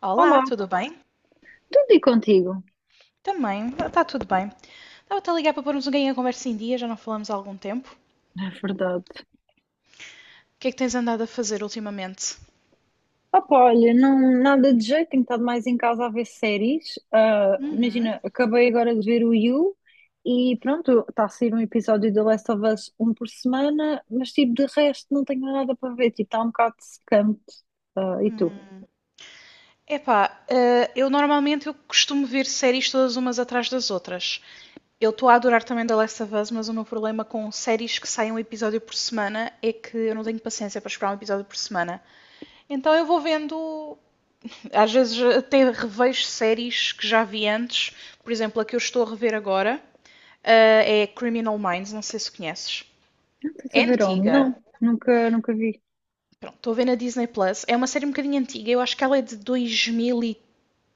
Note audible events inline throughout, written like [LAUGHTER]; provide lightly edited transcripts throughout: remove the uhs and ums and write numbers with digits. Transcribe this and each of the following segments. Olá, Olá, tudo bem? tudo e contigo? Também, está tudo bem. Estava-te a ligar para pormos um ganho a conversa em dia, já não falamos há algum tempo. O É verdade. que é que tens andado a fazer ultimamente? Opa, olha, não, nada de jeito, tenho estado mais em casa a ver séries. Ah, Uhum. imagina, acabei agora de ver o You e pronto, está a sair um episódio de The Last of Us um por semana, mas tipo, de resto não tenho nada para ver, tipo, está um bocado secante. Ah, e tu? Epá, eu normalmente eu costumo ver séries todas umas atrás das outras. Eu estou a adorar também The Last of Us, mas o meu problema com séries que saem um episódio por semana é que eu não tenho paciência para esperar um episódio por semana. Então eu vou vendo. Às vezes até revejo séries que já vi antes, por exemplo, a que eu estou a rever agora é Criminal Minds, não sei se conheces. Não estás a É ver onde? antiga. Não, nunca vi. Pronto, estou a ver na Disney Plus. É uma série um bocadinho antiga, eu acho que ela é de três,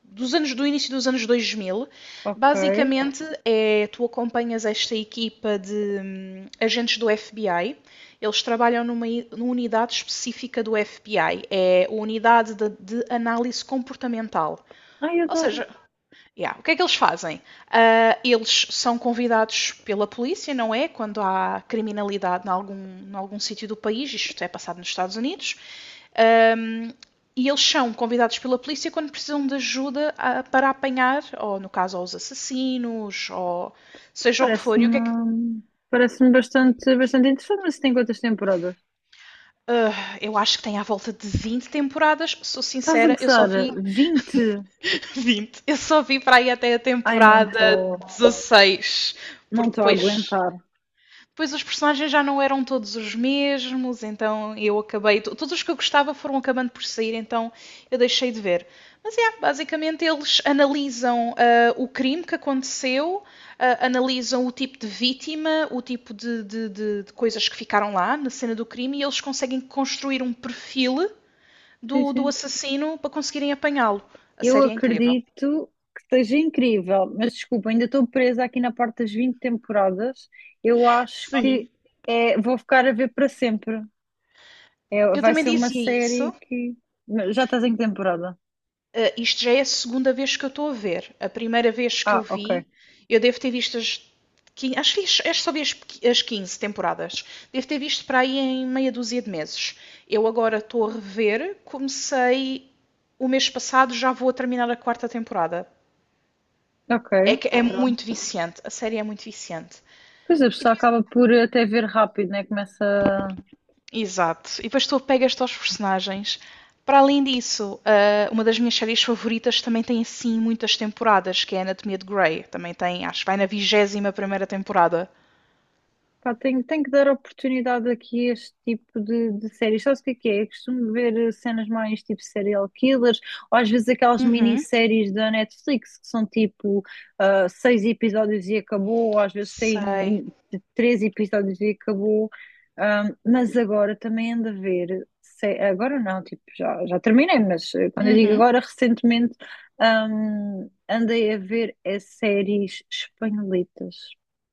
dos anos do início dos anos 2000. Ok. Basicamente é tu acompanhas esta equipa de agentes do FBI. Eles trabalham numa unidade específica do FBI, é a unidade de análise comportamental. Ai, Ou adoro. seja, yeah. O que é que eles fazem? Ah, eles são convidados pela polícia, não é? Quando há criminalidade em algum sítio do país, isto é passado nos Estados Unidos, e eles são convidados pela polícia quando precisam de ajuda, para apanhar, ou no caso, aos assassinos, ou seja o que for. E o que é que. Parece-me, parece-me bastante, bastante interessante, mas tem quantas temporadas? Ah, eu acho que tem à volta de 20 temporadas, sou Estás a sincera, eu só gozar? vi 20. [LAUGHS] 20. Eu só vi para aí até a Ai, não temporada estou, 16, não porque estou a depois. aguentar. Pois os personagens já não eram todos os mesmos, então eu acabei. Todos os que eu gostava foram acabando por sair, então eu deixei de ver. Mas é, basicamente eles analisam, o crime que aconteceu, analisam o tipo de vítima, o tipo de, de coisas que ficaram lá na cena do crime e eles conseguem construir um perfil Sim, do sim. assassino para conseguirem apanhá-lo. A Eu série é incrível. acredito que seja incrível, mas desculpa, ainda estou presa aqui na parte das 20 temporadas. Eu acho que Sim. é, vou ficar a ver para sempre. É, Eu vai também ser uma dizia série isso. que. Mas já estás em que temporada? Isto já é a segunda vez que eu estou a ver. A primeira vez que eu Ah, ok. vi, eu devo ter visto as. Acho que acho que só vi as as 15 temporadas. Devo ter visto para aí em meia dúzia de meses. Eu agora estou a rever. Comecei o mês passado, já vou a terminar a quarta temporada. Ok, É que é pronto. muito viciante. A série é muito viciante. Pois é, a E pessoa acaba por até ver rápido, né? Começa. exato. E depois tu apegas-te aos personagens. Para além disso, uma das minhas séries favoritas também tem assim muitas temporadas, que é Anatomia de Grey. Também tem, acho que vai na vigésima primeira temporada. Pá, tenho, tenho que dar oportunidade aqui a este tipo de séries. Sabes o que é que é? Eu costumo ver cenas mais tipo serial killers, ou às vezes aquelas Uhum. minisséries da Netflix que são tipo ah, seis episódios e acabou, ou às vezes têm Sei. Três episódios e acabou. Mas agora também ando a ver, agora não, tipo, já terminei, mas quando eu digo Uhum. agora, recentemente andei a ver as séries espanholitas.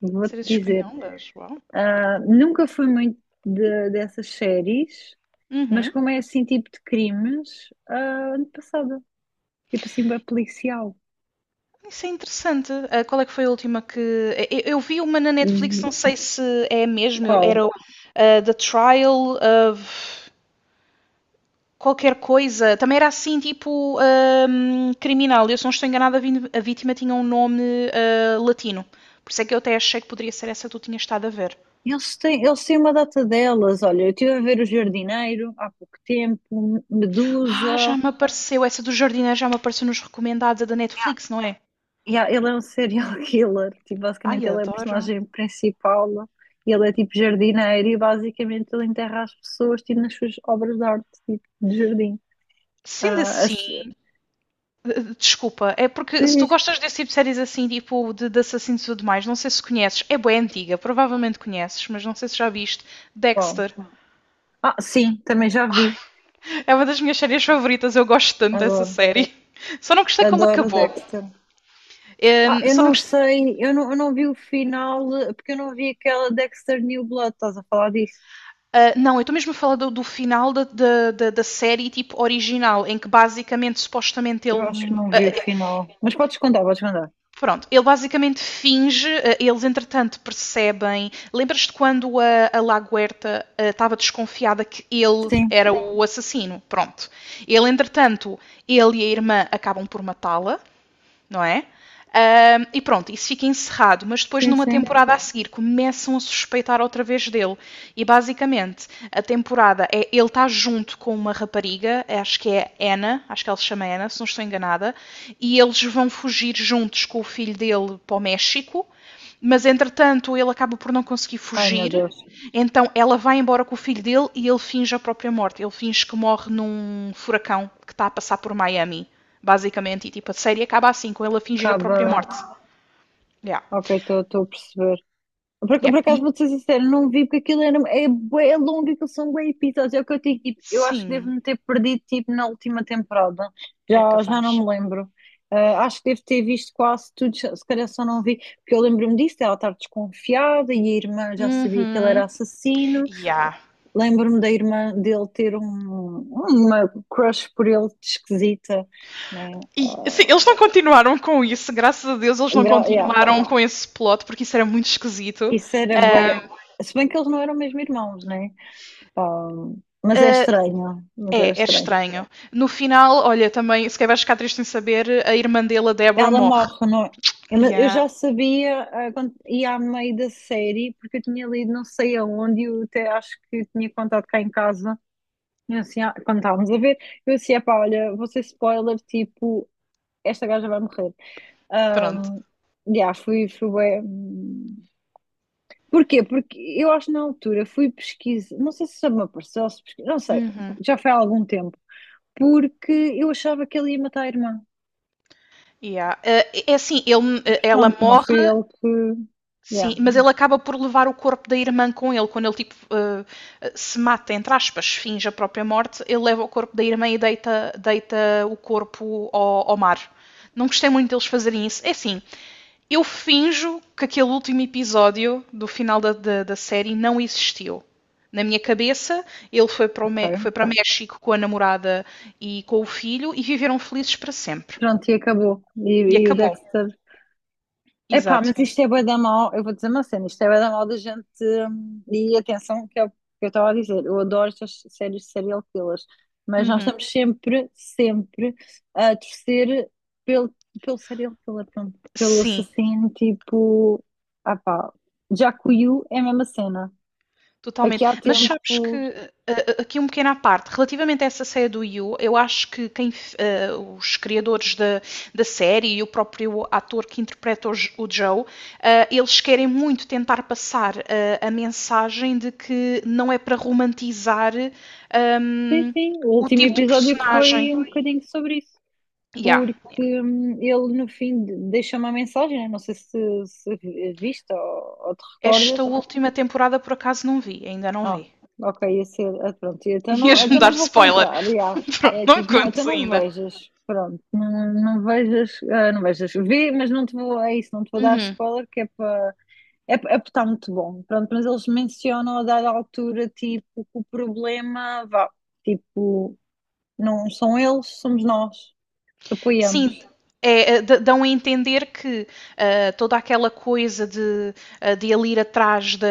Vou-te Séries dizer. espanholas, uau. Ah, nunca fui muito dessas séries, mas Uhum. como é assim tipo de crimes, ah, ano passado, tipo assim, bem policial. Isso é interessante. Ah, qual é que foi a última que. Eu vi uma na Netflix, Hum, não sei se é a mesma, era Qual? o, ah, The Trial of. Qualquer coisa. Também era assim, tipo, criminal. Eu, se não estou enganada, a vítima tinha um nome, latino. Por isso é que eu até achei que poderia ser essa que tu tinhas estado a ver. Eles têm uma data delas, olha, eu estive a ver O Jardineiro há pouco tempo, Ah, já Medusa, me apareceu. Essa do jardineiro já me apareceu nos recomendados, a da Netflix, não é? e ele é um serial [LAUGHS] killer, tipo, Ai, basicamente ele é o adoro. personagem principal, e ele é tipo jardineiro e basicamente ele enterra as pessoas tipo, nas suas obras de arte, tipo, de jardim. Sendo Ah, as... assim, desculpa, é porque Diz, se tu diz. gostas desse tipo de séries assim, tipo de assassinos e tudo mais, não sei se conheces, é bem antiga, provavelmente conheces, mas não sei se já viste, Qual? Dexter. Ah, sim, também já vi. É uma das minhas séries favoritas, eu gosto tanto dessa Adoro. série. Só não gostei como Adoro acabou. Dexter. Ah, eu Só não não gostei. sei, eu não vi o final, porque eu não vi aquela Dexter New Blood, estás a falar disso? Ah, não, eu estou mesmo a falar do, do final série tipo original, em que basicamente, supostamente, Eu ele. acho que não vi o Ah, final. Mas podes contar, podes contar. pronto, ele basicamente finge, ah, eles entretanto percebem. Lembras-te quando a Laguerta estava desconfiada que ele Sim, era o assassino? Pronto. Ele, entretanto, ele e a irmã acabam por matá-la, não é? Um, e pronto, isso fica encerrado, mas depois sim, numa sim. temporada a seguir começam a suspeitar outra vez dele. E basicamente a temporada é ele está junto com uma rapariga, acho que é Anna, acho que ela se chama Anna, se não estou enganada, e eles vão fugir juntos com o filho dele para o México, mas entretanto ele acaba por não conseguir Ai, meu fugir, Deus. então ela vai embora com o filho dele e ele finge a própria morte. Ele finge que morre num furacão que está a passar por Miami, basicamente. E tipo, a série acaba assim, com ele a fingir a Acaba. própria morte. Yeah. Ok, estou a perceber. Por, Yeah. por E acaso vou-te ser sincero, não vi porque aquilo era, é, bué longo, aquilo são bué episódios. É o que eu digo, tipo, eu acho que sim, devo-me ter perdido tipo, na última temporada. é Já não capaz. me lembro. Ah, acho que devo ter visto quase tudo, se calhar só não vi, porque eu lembro-me disso, dela estar desconfiada e a irmã já sabia que ele era Uhum. assassino. Yeah. Lembro-me da irmã dele ter uma crush por ele esquisita, né? E assim, eles não continuaram com isso, graças a Deus eles não gra- yeah, continuaram com esse plot, porque isso era muito esquisito. Isso era bué. Se bem que eles não eram mesmo irmãos, né? Mas é Uh, estranho, mas era é, é estranho. estranho. No final, olha, também, se quer vais ficar triste em saber, a irmã dele, a Deborah, Ela morre. morre, não é? Eu mas eu Yeah. já sabia, quando ia a meio da série, porque eu tinha lido não sei aonde, eu até acho que tinha contado cá em casa, eu assim, quando estávamos a ver, eu assim, epá, olha, vou ser spoiler, tipo, esta gaja vai morrer. Pronto. Um, fui bué. Porquê? Porque eu acho que na altura fui pesquisar, não sei se já me apareceu, se pesquisa, não sei, Uhum. já foi há algum tempo, porque eu achava que ele ia matar a irmã. Yeah. Eh, é assim, ele, Mas ela pronto, não foi morre, ele que. sim, Yeah, mas ele acaba por levar o corpo da irmã com ele. Quando ele tipo, se mata, entre aspas, finge a própria morte, ele leva o corpo da irmã e deita, deita o corpo ao mar. Não gostei muito deles fazerem isso. É assim, eu finjo que aquele último episódio do final da série não existiu. Na minha cabeça, ele foi para, o foi ok. para México com a namorada e com o filho e viveram felizes para sempre. Pronto, e acabou. E E o acabou. Dexter. Epá, Exato. mas isto é bué da mal. Eu vou dizer uma cena, isto é bué da mal da gente. E atenção, que é o que eu estava a dizer. Eu adoro estas séries de serial killers. Mas nós Uhum. estamos sempre, sempre a torcer pelo, pelo serial killer, pronto. Pelo Sim, assassino, tipo. Ah pá, já que o You é a mesma cena. Aqui totalmente. há Mas então, sabes que, tempo. Aqui um pequeno à parte, relativamente a essa série do You, eu acho que quem, os criadores da série e o próprio ator que interpreta o, o Joe, eles querem muito tentar passar, a mensagem de que não é para romantizar, Sim, um, sim, o o último tipo de episódio personagem. foi um bocadinho sobre isso. Yeah. Porque ele no fim deixa uma mensagem, né? não sei se, se viste ou te Esta recordas. última temporada por acaso não vi, ainda não Ah, vi. ok, ia ser, ah, pronto, [LAUGHS] Ias-me então dar não vou spoiler. contar, já. [LAUGHS] Pronto, É não me tipo, não, então contes não ainda. vejas, pronto, não, não vejas, vê, mas não te vou, é isso, não te vou dar spoiler, que é para, é porque está muito bom, pronto, mas eles mencionam a dada altura, tipo, que o problema, vá, tipo, não são eles, somos nós, apoiamos. Sim, é, é, dão a entender que, toda aquela coisa de, de ele ir atrás da,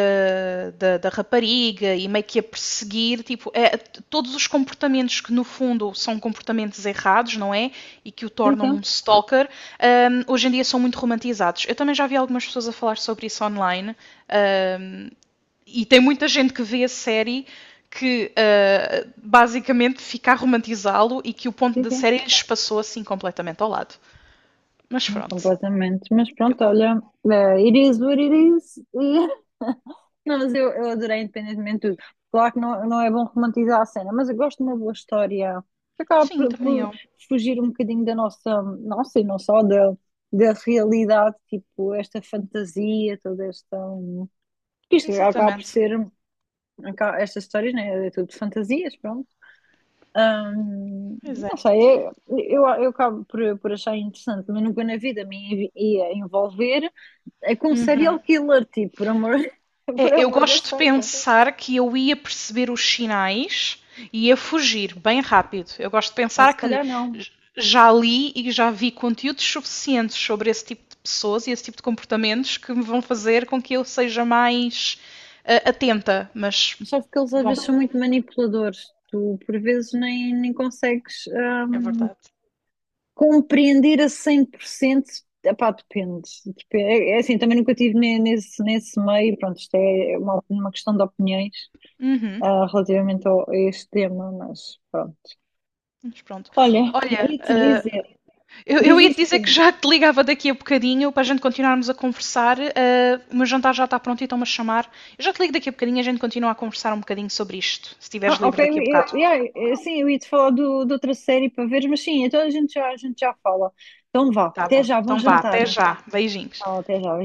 da, da rapariga e meio que a perseguir, tipo, é, todos os comportamentos que no fundo são comportamentos errados, não é? E que o Sim, tornam sim, um stalker, hoje em dia são muito romantizados. Eu também já vi algumas pessoas a falar sobre isso online. ah, e tem muita gente que vê a série que, basicamente fica a romantizá-lo e que o ponto sim, da sim. série lhes passou assim completamente ao lado. Mas Não pronto, completamente, mas eu pronto, compro. olha, it is what it is. E... [LAUGHS] Não, mas eu adorei independentemente de tudo. Claro que não, não é bom romantizar a cena, mas eu gosto de uma boa história que acaba Sim, por, também por eu. fugir um bocadinho da nossa, nossa e não só da, da realidade, tipo esta fantasia, toda esta. Isto acaba por Exatamente. ser. Estas histórias, né? É tudo de fantasias, pronto. Hum, Pois é. não sei, eu acabo por achar interessante, mas nunca na vida me ia envolver com um serial killer, tipo, por amor, [LAUGHS] por É. Eu amor da gosto de santa. pensar que eu ia perceber os sinais e ia fugir bem rápido. Eu gosto de Ou se pensar que calhar não. já li e já vi conteúdos suficientes sobre esse tipo de pessoas e esse tipo de comportamentos que me vão fazer com que eu seja mais, atenta, mas. Só porque eles às Bom, vezes são muito manipuladores. Tu por vezes nem, nem consegues é verdade. compreender a 100%. Epá, depende. É, é assim, também nunca estive nesse, nesse meio. Pronto, isto é uma questão de opiniões Uhum, relativamente a este tema, mas pronto. mas pronto. Olha, Olha, ia-te dizer, diz eu ia diz te tu. dizer que já te ligava daqui a bocadinho para a gente continuarmos a conversar. O meu jantar já está pronto e estão-me a chamar. Eu já te ligo daqui a bocadinho e a gente continua a conversar um bocadinho sobre isto, se estiveres Ah, ok, livre daqui a bocado. yeah, sim, eu ia-te falar do, de outra série para ver, mas sim, então a gente já fala. Então vá, Tá até bom. já, bom Então vá, jantar. até já. Beijinhos. Tchau, até já,